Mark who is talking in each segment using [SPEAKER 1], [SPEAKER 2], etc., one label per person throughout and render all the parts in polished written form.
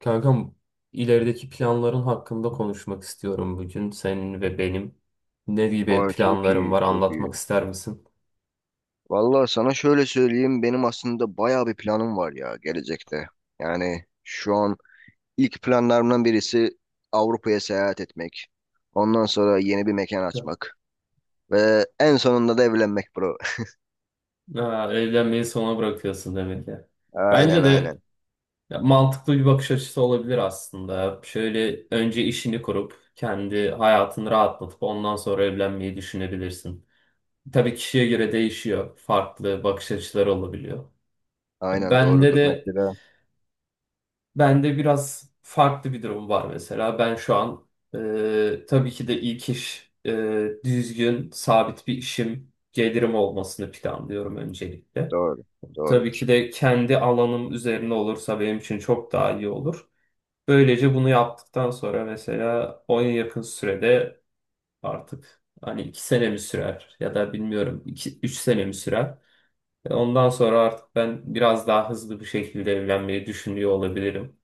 [SPEAKER 1] Kankam, ilerideki planların hakkında konuşmak istiyorum bugün senin ve benim. Ne gibi
[SPEAKER 2] Ay çok
[SPEAKER 1] planların
[SPEAKER 2] iyi,
[SPEAKER 1] var,
[SPEAKER 2] çok iyi.
[SPEAKER 1] anlatmak ister misin?
[SPEAKER 2] Vallahi sana şöyle söyleyeyim, benim aslında bayağı bir planım var ya gelecekte. Yani şu an ilk planlarımdan birisi Avrupa'ya seyahat etmek. Ondan sonra yeni bir mekan açmak. Ve en sonunda da evlenmek bro.
[SPEAKER 1] Ha, evlenmeyi sona bırakıyorsun demek ya.
[SPEAKER 2] Aynen
[SPEAKER 1] Bence de
[SPEAKER 2] aynen.
[SPEAKER 1] ya, mantıklı bir bakış açısı olabilir aslında. Şöyle önce işini kurup kendi hayatını rahatlatıp ondan sonra evlenmeyi düşünebilirsin. Tabii kişiye göre değişiyor. Farklı bakış açıları olabiliyor.
[SPEAKER 2] Aynen
[SPEAKER 1] Bende
[SPEAKER 2] doğrudur
[SPEAKER 1] de
[SPEAKER 2] mesela.
[SPEAKER 1] Bende biraz farklı bir durum var mesela. Ben şu an tabii ki de ilk iş düzgün, sabit bir işim, gelirim olmasını planlıyorum öncelikle.
[SPEAKER 2] Doğru.
[SPEAKER 1] Tabii
[SPEAKER 2] Doğrudur.
[SPEAKER 1] ki de kendi alanım üzerine olursa benim için çok daha iyi olur. Böylece bunu yaptıktan sonra mesela 10 yakın sürede, artık hani 2 sene mi sürer ya da bilmiyorum 2 3 sene mi sürer. Ondan sonra artık ben biraz daha hızlı bir şekilde evlenmeyi düşünüyor olabilirim.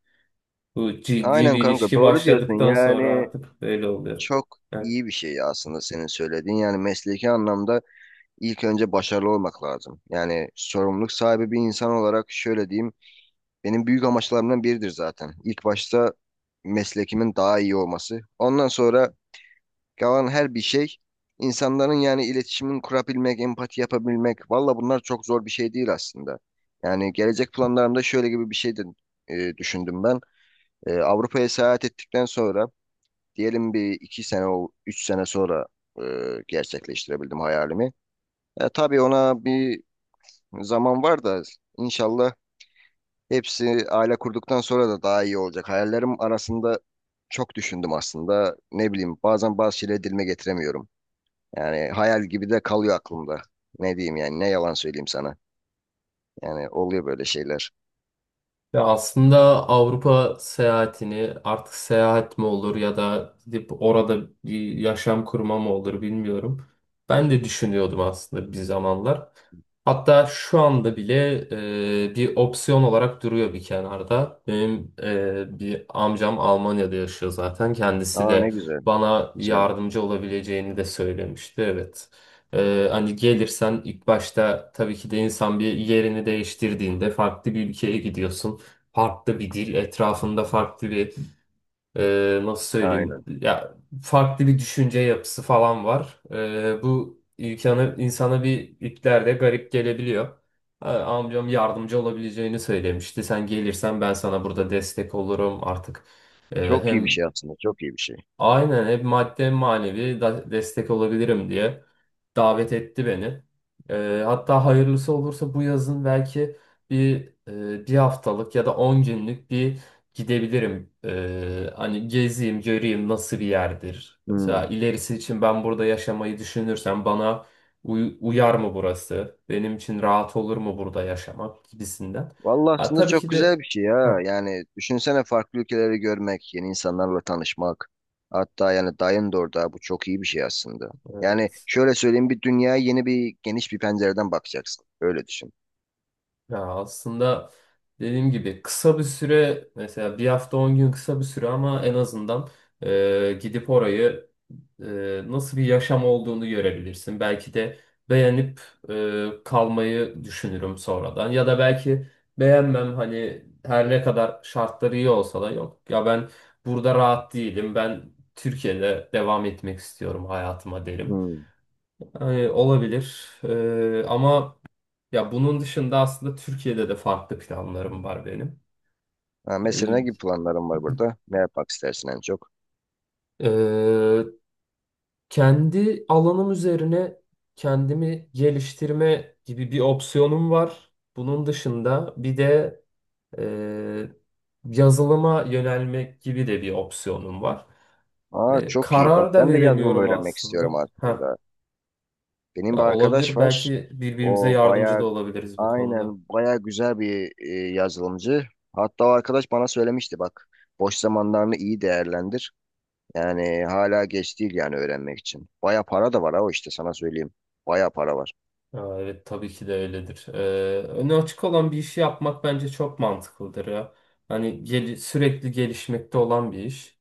[SPEAKER 1] Bu ciddi
[SPEAKER 2] Aynen
[SPEAKER 1] bir
[SPEAKER 2] kanka
[SPEAKER 1] ilişki
[SPEAKER 2] doğru diyorsun.
[SPEAKER 1] başladıktan sonra
[SPEAKER 2] Yani
[SPEAKER 1] artık böyle oluyor.
[SPEAKER 2] çok iyi bir şey aslında senin söylediğin. Yani mesleki anlamda ilk önce başarılı olmak lazım. Yani sorumluluk sahibi bir insan olarak şöyle diyeyim, benim büyük amaçlarımdan biridir zaten. İlk başta meslekimin daha iyi olması. Ondan sonra kalan her bir şey insanların yani iletişimin kurabilmek, empati yapabilmek. Valla bunlar çok zor bir şey değil aslında. Yani gelecek planlarımda şöyle gibi bir şey de düşündüm ben. Avrupa'ya seyahat ettikten sonra diyelim bir iki sene, üç sene sonra e, gerçekleştirebildim hayalimi. E, tabii ona bir zaman var da inşallah hepsi aile kurduktan sonra da daha iyi olacak. Hayallerim arasında çok düşündüm aslında. Ne bileyim bazen bazı şeyleri dilime getiremiyorum. Yani hayal gibi de kalıyor aklımda. Ne diyeyim yani ne yalan söyleyeyim sana. Yani oluyor böyle şeyler.
[SPEAKER 1] Ya aslında Avrupa seyahatini, artık seyahat mi olur ya da gidip orada bir yaşam kurma mı olur bilmiyorum. Ben de düşünüyordum aslında bir zamanlar. Hatta şu anda bile bir opsiyon olarak duruyor bir kenarda. Benim bir amcam Almanya'da yaşıyor zaten. Kendisi
[SPEAKER 2] Aa
[SPEAKER 1] de
[SPEAKER 2] ne güzel.
[SPEAKER 1] bana
[SPEAKER 2] Güzel.
[SPEAKER 1] yardımcı olabileceğini de söylemişti. Evet. Hani gelirsen ilk başta, tabii ki de insan bir yerini değiştirdiğinde farklı bir ülkeye gidiyorsun, farklı bir dil, etrafında farklı bir, nasıl söyleyeyim
[SPEAKER 2] Aynen.
[SPEAKER 1] ya, farklı bir düşünce yapısı falan var. Bu insanı insana bir iplerde garip gelebiliyor. Ha, amcam yardımcı olabileceğini söylemişti. Sen gelirsen ben sana burada destek olurum artık. E,
[SPEAKER 2] Çok iyi bir
[SPEAKER 1] hem
[SPEAKER 2] şey aslında. Çok iyi bir şey.
[SPEAKER 1] Aynen, hep madde manevi destek olabilirim diye davet etti beni. Hatta hayırlısı olursa bu yazın belki bir haftalık ya da 10 günlük bir gidebilirim. Hani gezeyim, göreyim nasıl bir yerdir.
[SPEAKER 2] Hmm.
[SPEAKER 1] Mesela ilerisi için ben burada yaşamayı düşünürsem bana uyar mı burası? Benim için rahat olur mu burada yaşamak gibisinden.
[SPEAKER 2] Vallahi
[SPEAKER 1] Ha,
[SPEAKER 2] aslında
[SPEAKER 1] tabii
[SPEAKER 2] çok
[SPEAKER 1] ki
[SPEAKER 2] güzel
[SPEAKER 1] de.
[SPEAKER 2] bir şey ya.
[SPEAKER 1] Heh,
[SPEAKER 2] Yani düşünsene farklı ülkeleri görmek, yeni insanlarla tanışmak. Hatta yani dayın da orada. Bu çok iyi bir şey aslında. Yani
[SPEAKER 1] evet.
[SPEAKER 2] şöyle söyleyeyim bir dünyaya yeni bir geniş bir pencereden bakacaksın. Öyle düşün.
[SPEAKER 1] Ya aslında dediğim gibi kısa bir süre, mesela bir hafta 10 gün, kısa bir süre ama en azından gidip orayı, nasıl bir yaşam olduğunu görebilirsin. Belki de beğenip kalmayı düşünürüm sonradan, ya da belki beğenmem, hani her ne kadar şartları iyi olsa da, yok ya ben burada rahat değilim, ben Türkiye'de devam etmek istiyorum hayatıma derim.
[SPEAKER 2] Hmm.
[SPEAKER 1] Yani olabilir. Ama ya bunun dışında aslında Türkiye'de de farklı planlarım var benim.
[SPEAKER 2] Ha, mesela ne
[SPEAKER 1] Ee,
[SPEAKER 2] gibi planların var burada? Ne yapmak istersin en çok?
[SPEAKER 1] e, kendi alanım üzerine kendimi geliştirme gibi bir opsiyonum var. Bunun dışında bir de e, yazılıma yönelmek gibi de bir opsiyonum var.
[SPEAKER 2] Aa
[SPEAKER 1] E,
[SPEAKER 2] çok iyi. Bak
[SPEAKER 1] karar da
[SPEAKER 2] ben de yazılım
[SPEAKER 1] veremiyorum
[SPEAKER 2] öğrenmek
[SPEAKER 1] aslında.
[SPEAKER 2] istiyorum
[SPEAKER 1] Ha,
[SPEAKER 2] aslında. Benim bir
[SPEAKER 1] ya
[SPEAKER 2] arkadaş
[SPEAKER 1] olabilir,
[SPEAKER 2] var.
[SPEAKER 1] belki birbirimize
[SPEAKER 2] O
[SPEAKER 1] yardımcı
[SPEAKER 2] bayağı
[SPEAKER 1] da olabiliriz bu konuda.
[SPEAKER 2] aynen baya güzel bir yazılımcı. Hatta o arkadaş bana söylemişti bak boş zamanlarını iyi değerlendir. Yani hala geç değil yani öğrenmek için. Baya para da var ha o işte sana söyleyeyim. Baya para var.
[SPEAKER 1] Aa, evet, tabii ki de öyledir. Önü açık olan bir işi yapmak bence çok mantıklıdır ya. Hani gel, sürekli gelişmekte olan bir iş.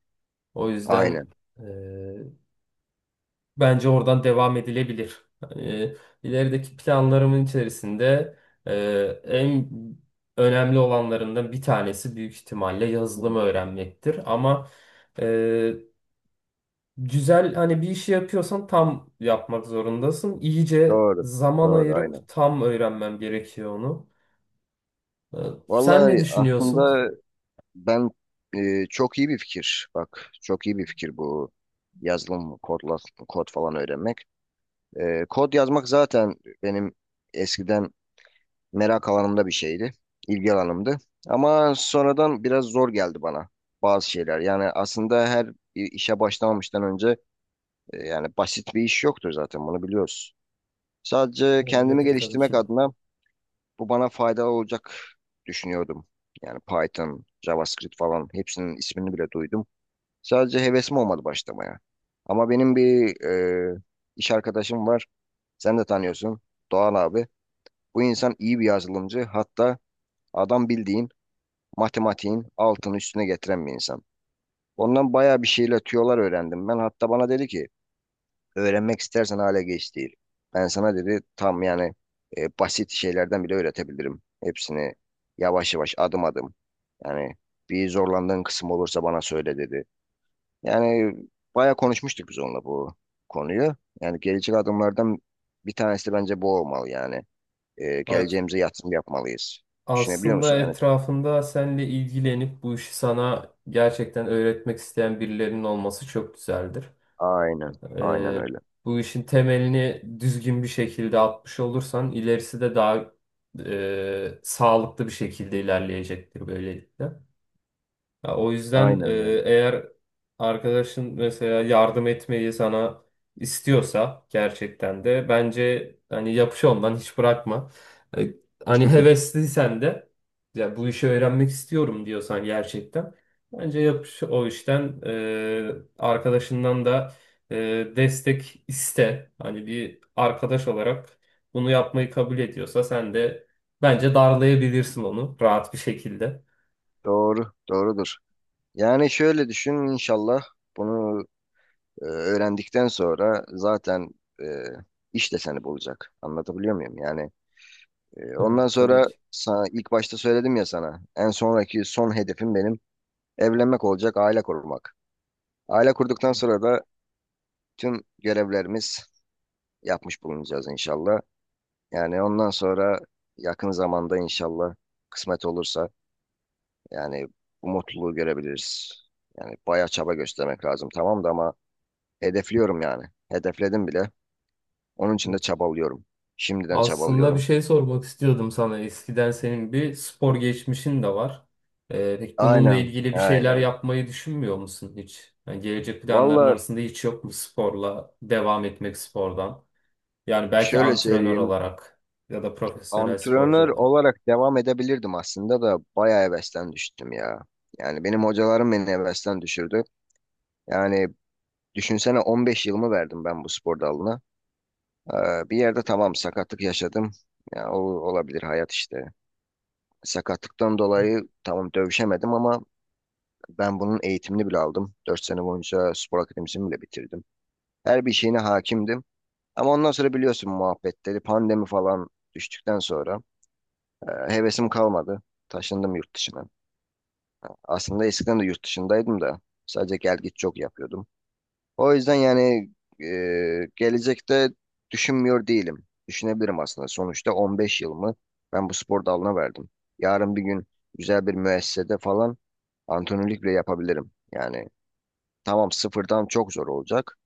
[SPEAKER 1] O yüzden
[SPEAKER 2] Aynen.
[SPEAKER 1] e, bence oradan devam edilebilir. Hani, ilerideki planlarımın içerisinde e, en önemli olanlarından bir tanesi büyük ihtimalle yazılımı
[SPEAKER 2] Hı,
[SPEAKER 1] öğrenmektir. Güzel, hani bir işi yapıyorsan tam yapmak zorundasın. İyice
[SPEAKER 2] doğru.
[SPEAKER 1] zaman
[SPEAKER 2] Doğru
[SPEAKER 1] ayırıp
[SPEAKER 2] aynen.
[SPEAKER 1] tam öğrenmem gerekiyor onu. Ee, Sen
[SPEAKER 2] Vallahi
[SPEAKER 1] ne düşünüyorsun?
[SPEAKER 2] aslında ben çok iyi bir fikir. Bak çok iyi bir fikir bu yazılım, kod, kod öğrenmek. E, kod yazmak zaten benim eskiden merak alanımda bir şeydi. İlgi alanımdı. Ama sonradan biraz zor geldi bana bazı şeyler. Yani aslında her bir işe başlamamıştan önce yani basit bir iş yoktur zaten bunu biliyoruz. Sadece kendimi
[SPEAKER 1] Öyledir tabii
[SPEAKER 2] geliştirmek
[SPEAKER 1] ki de.
[SPEAKER 2] adına bu bana faydalı olacak düşünüyordum. Yani Python, JavaScript falan hepsinin ismini bile duydum. Sadece hevesim olmadı başlamaya. Ama benim bir e, iş arkadaşım var. Sen de tanıyorsun. Doğan abi. Bu insan iyi bir yazılımcı. Hatta adam bildiğin matematiğin altını üstüne getiren bir insan. Ondan bayağı bir şeyle tüyolar öğrendim. Ben hatta bana dedi ki öğrenmek istersen hale geç değil. Ben sana dedi tam yani basit şeylerden bile öğretebilirim. Hepsini yavaş yavaş adım adım. Yani bir zorlandığın kısım olursa bana söyle dedi. Yani bayağı konuşmuştuk biz onunla bu konuyu. Yani gelecek adımlardan bir tanesi de bence bu olmalı yani. E,
[SPEAKER 1] Evet.
[SPEAKER 2] geleceğimize yatırım yapmalıyız. Düşünebiliyor
[SPEAKER 1] Aslında
[SPEAKER 2] musun? Yani
[SPEAKER 1] etrafında seninle ilgilenip bu işi sana gerçekten öğretmek isteyen birilerinin olması çok güzeldir.
[SPEAKER 2] aynen, aynen
[SPEAKER 1] Ee,
[SPEAKER 2] öyle.
[SPEAKER 1] bu işin temelini düzgün bir şekilde atmış olursan ilerisi de daha sağlıklı bir şekilde ilerleyecektir böylelikle. Ya o yüzden
[SPEAKER 2] Aynen öyle.
[SPEAKER 1] eğer arkadaşın mesela yardım etmeyi sana istiyorsa gerçekten de, bence hani yapış ondan, hiç bırakma. E, hani hevesliysen de, ya bu işi öğrenmek istiyorum diyorsan gerçekten, bence yapış o işten, arkadaşından da e, destek iste. Hani bir arkadaş olarak bunu yapmayı kabul ediyorsa, sen de bence darlayabilirsin onu rahat bir şekilde.
[SPEAKER 2] Doğru, doğrudur. Yani şöyle düşün inşallah bunu öğrendikten sonra zaten e, iş de seni bulacak. Anlatabiliyor muyum? Yani
[SPEAKER 1] Evet,
[SPEAKER 2] ondan
[SPEAKER 1] tabii
[SPEAKER 2] sonra
[SPEAKER 1] ki.
[SPEAKER 2] sana, ilk başta söyledim ya sana en sonraki son hedefim benim evlenmek olacak, aile kurmak. Aile kurduktan sonra da tüm görevlerimiz yapmış bulunacağız inşallah. Yani ondan sonra yakın zamanda inşallah kısmet olursa yani bu mutluluğu görebiliriz. Yani bayağı çaba göstermek lazım tamam da ama hedefliyorum yani. Hedefledim bile. Onun için de
[SPEAKER 1] Yok.
[SPEAKER 2] çabalıyorum. Şimdiden
[SPEAKER 1] Aslında bir
[SPEAKER 2] çabalıyorum.
[SPEAKER 1] şey sormak istiyordum sana. Eskiden senin bir spor geçmişin de var. Peki bununla
[SPEAKER 2] Aynen,
[SPEAKER 1] ilgili bir şeyler
[SPEAKER 2] aynen.
[SPEAKER 1] yapmayı düşünmüyor musun hiç? Yani gelecek planların
[SPEAKER 2] Valla
[SPEAKER 1] arasında hiç yok mu sporla devam etmek, spordan? Yani belki
[SPEAKER 2] şöyle
[SPEAKER 1] antrenör
[SPEAKER 2] söyleyeyim.
[SPEAKER 1] olarak ya da profesyonel sporcu
[SPEAKER 2] Antrenör
[SPEAKER 1] olarak.
[SPEAKER 2] olarak devam edebilirdim aslında da bayağı hevesten düştüm ya. Yani benim hocalarım beni hevesten düşürdü. Yani düşünsene 15 yılımı verdim ben bu spor dalına. Bir yerde tamam sakatlık yaşadım. Ya, olabilir hayat işte. Sakatlıktan dolayı tamam dövüşemedim ama ben bunun eğitimini bile aldım. 4 sene boyunca spor akademisini bile bitirdim. Her bir şeyine hakimdim. Ama ondan sonra biliyorsun muhabbetleri, pandemi falan düştükten sonra hevesim kalmadı. Taşındım yurt dışına. Aslında eskiden de yurt dışındaydım da sadece gel git çok yapıyordum. O yüzden yani gelecekte düşünmüyor değilim. Düşünebilirim aslında. Sonuçta 15 yılımı ben bu spor dalına verdim. Yarın bir gün güzel bir müessesede falan antrenörlük bile yapabilirim. Yani tamam sıfırdan çok zor olacak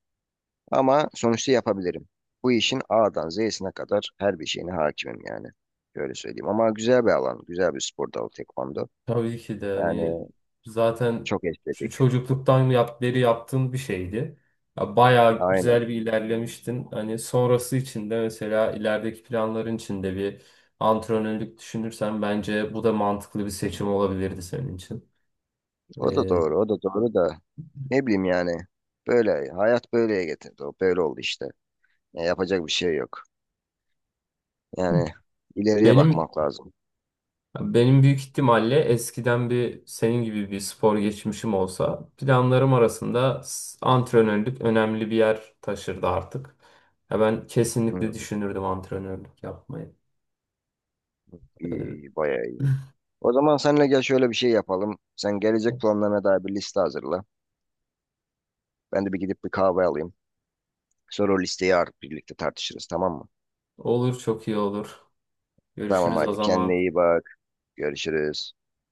[SPEAKER 2] ama sonuçta yapabilirim. Bu işin A'dan Z'sine kadar her bir şeyine hakimim yani. Şöyle söyleyeyim. Ama güzel bir alan. Güzel bir spor dalı tekvando.
[SPEAKER 1] Tabii ki de, hani
[SPEAKER 2] Yani
[SPEAKER 1] zaten
[SPEAKER 2] çok estetik.
[SPEAKER 1] çocukluktan beri yaptığın bir şeydi. Ya bayağı
[SPEAKER 2] Aynen.
[SPEAKER 1] güzel bir ilerlemiştin. Hani sonrası için de, mesela ilerideki planların için de bir antrenörlük düşünürsen, bence bu da mantıklı bir seçim olabilirdi senin için.
[SPEAKER 2] O da
[SPEAKER 1] Ee,
[SPEAKER 2] doğru. O da doğru da ne bileyim yani. Böyle. Hayat böyleye getirdi. O böyle oldu işte. Ya yapacak bir şey yok. Yani ileriye
[SPEAKER 1] benim
[SPEAKER 2] bakmak lazım.
[SPEAKER 1] Ya benim büyük ihtimalle, eskiden bir senin gibi bir spor geçmişim olsa, planlarım arasında antrenörlük önemli bir yer taşırdı artık. Ya ben kesinlikle
[SPEAKER 2] Hmm,
[SPEAKER 1] düşünürdüm antrenörlük yapmayı.
[SPEAKER 2] iyi,
[SPEAKER 1] Ee,
[SPEAKER 2] iyi, bayağı iyi. O zaman seninle gel şöyle bir şey yapalım. Sen gelecek planlarına dair bir liste hazırla. Ben de bir gidip bir kahve alayım. Sonra o listeyi artık birlikte tartışırız tamam mı?
[SPEAKER 1] olur çok iyi olur.
[SPEAKER 2] Tamam
[SPEAKER 1] Görüşürüz o
[SPEAKER 2] hadi kendine
[SPEAKER 1] zaman.
[SPEAKER 2] iyi bak. Görüşürüz.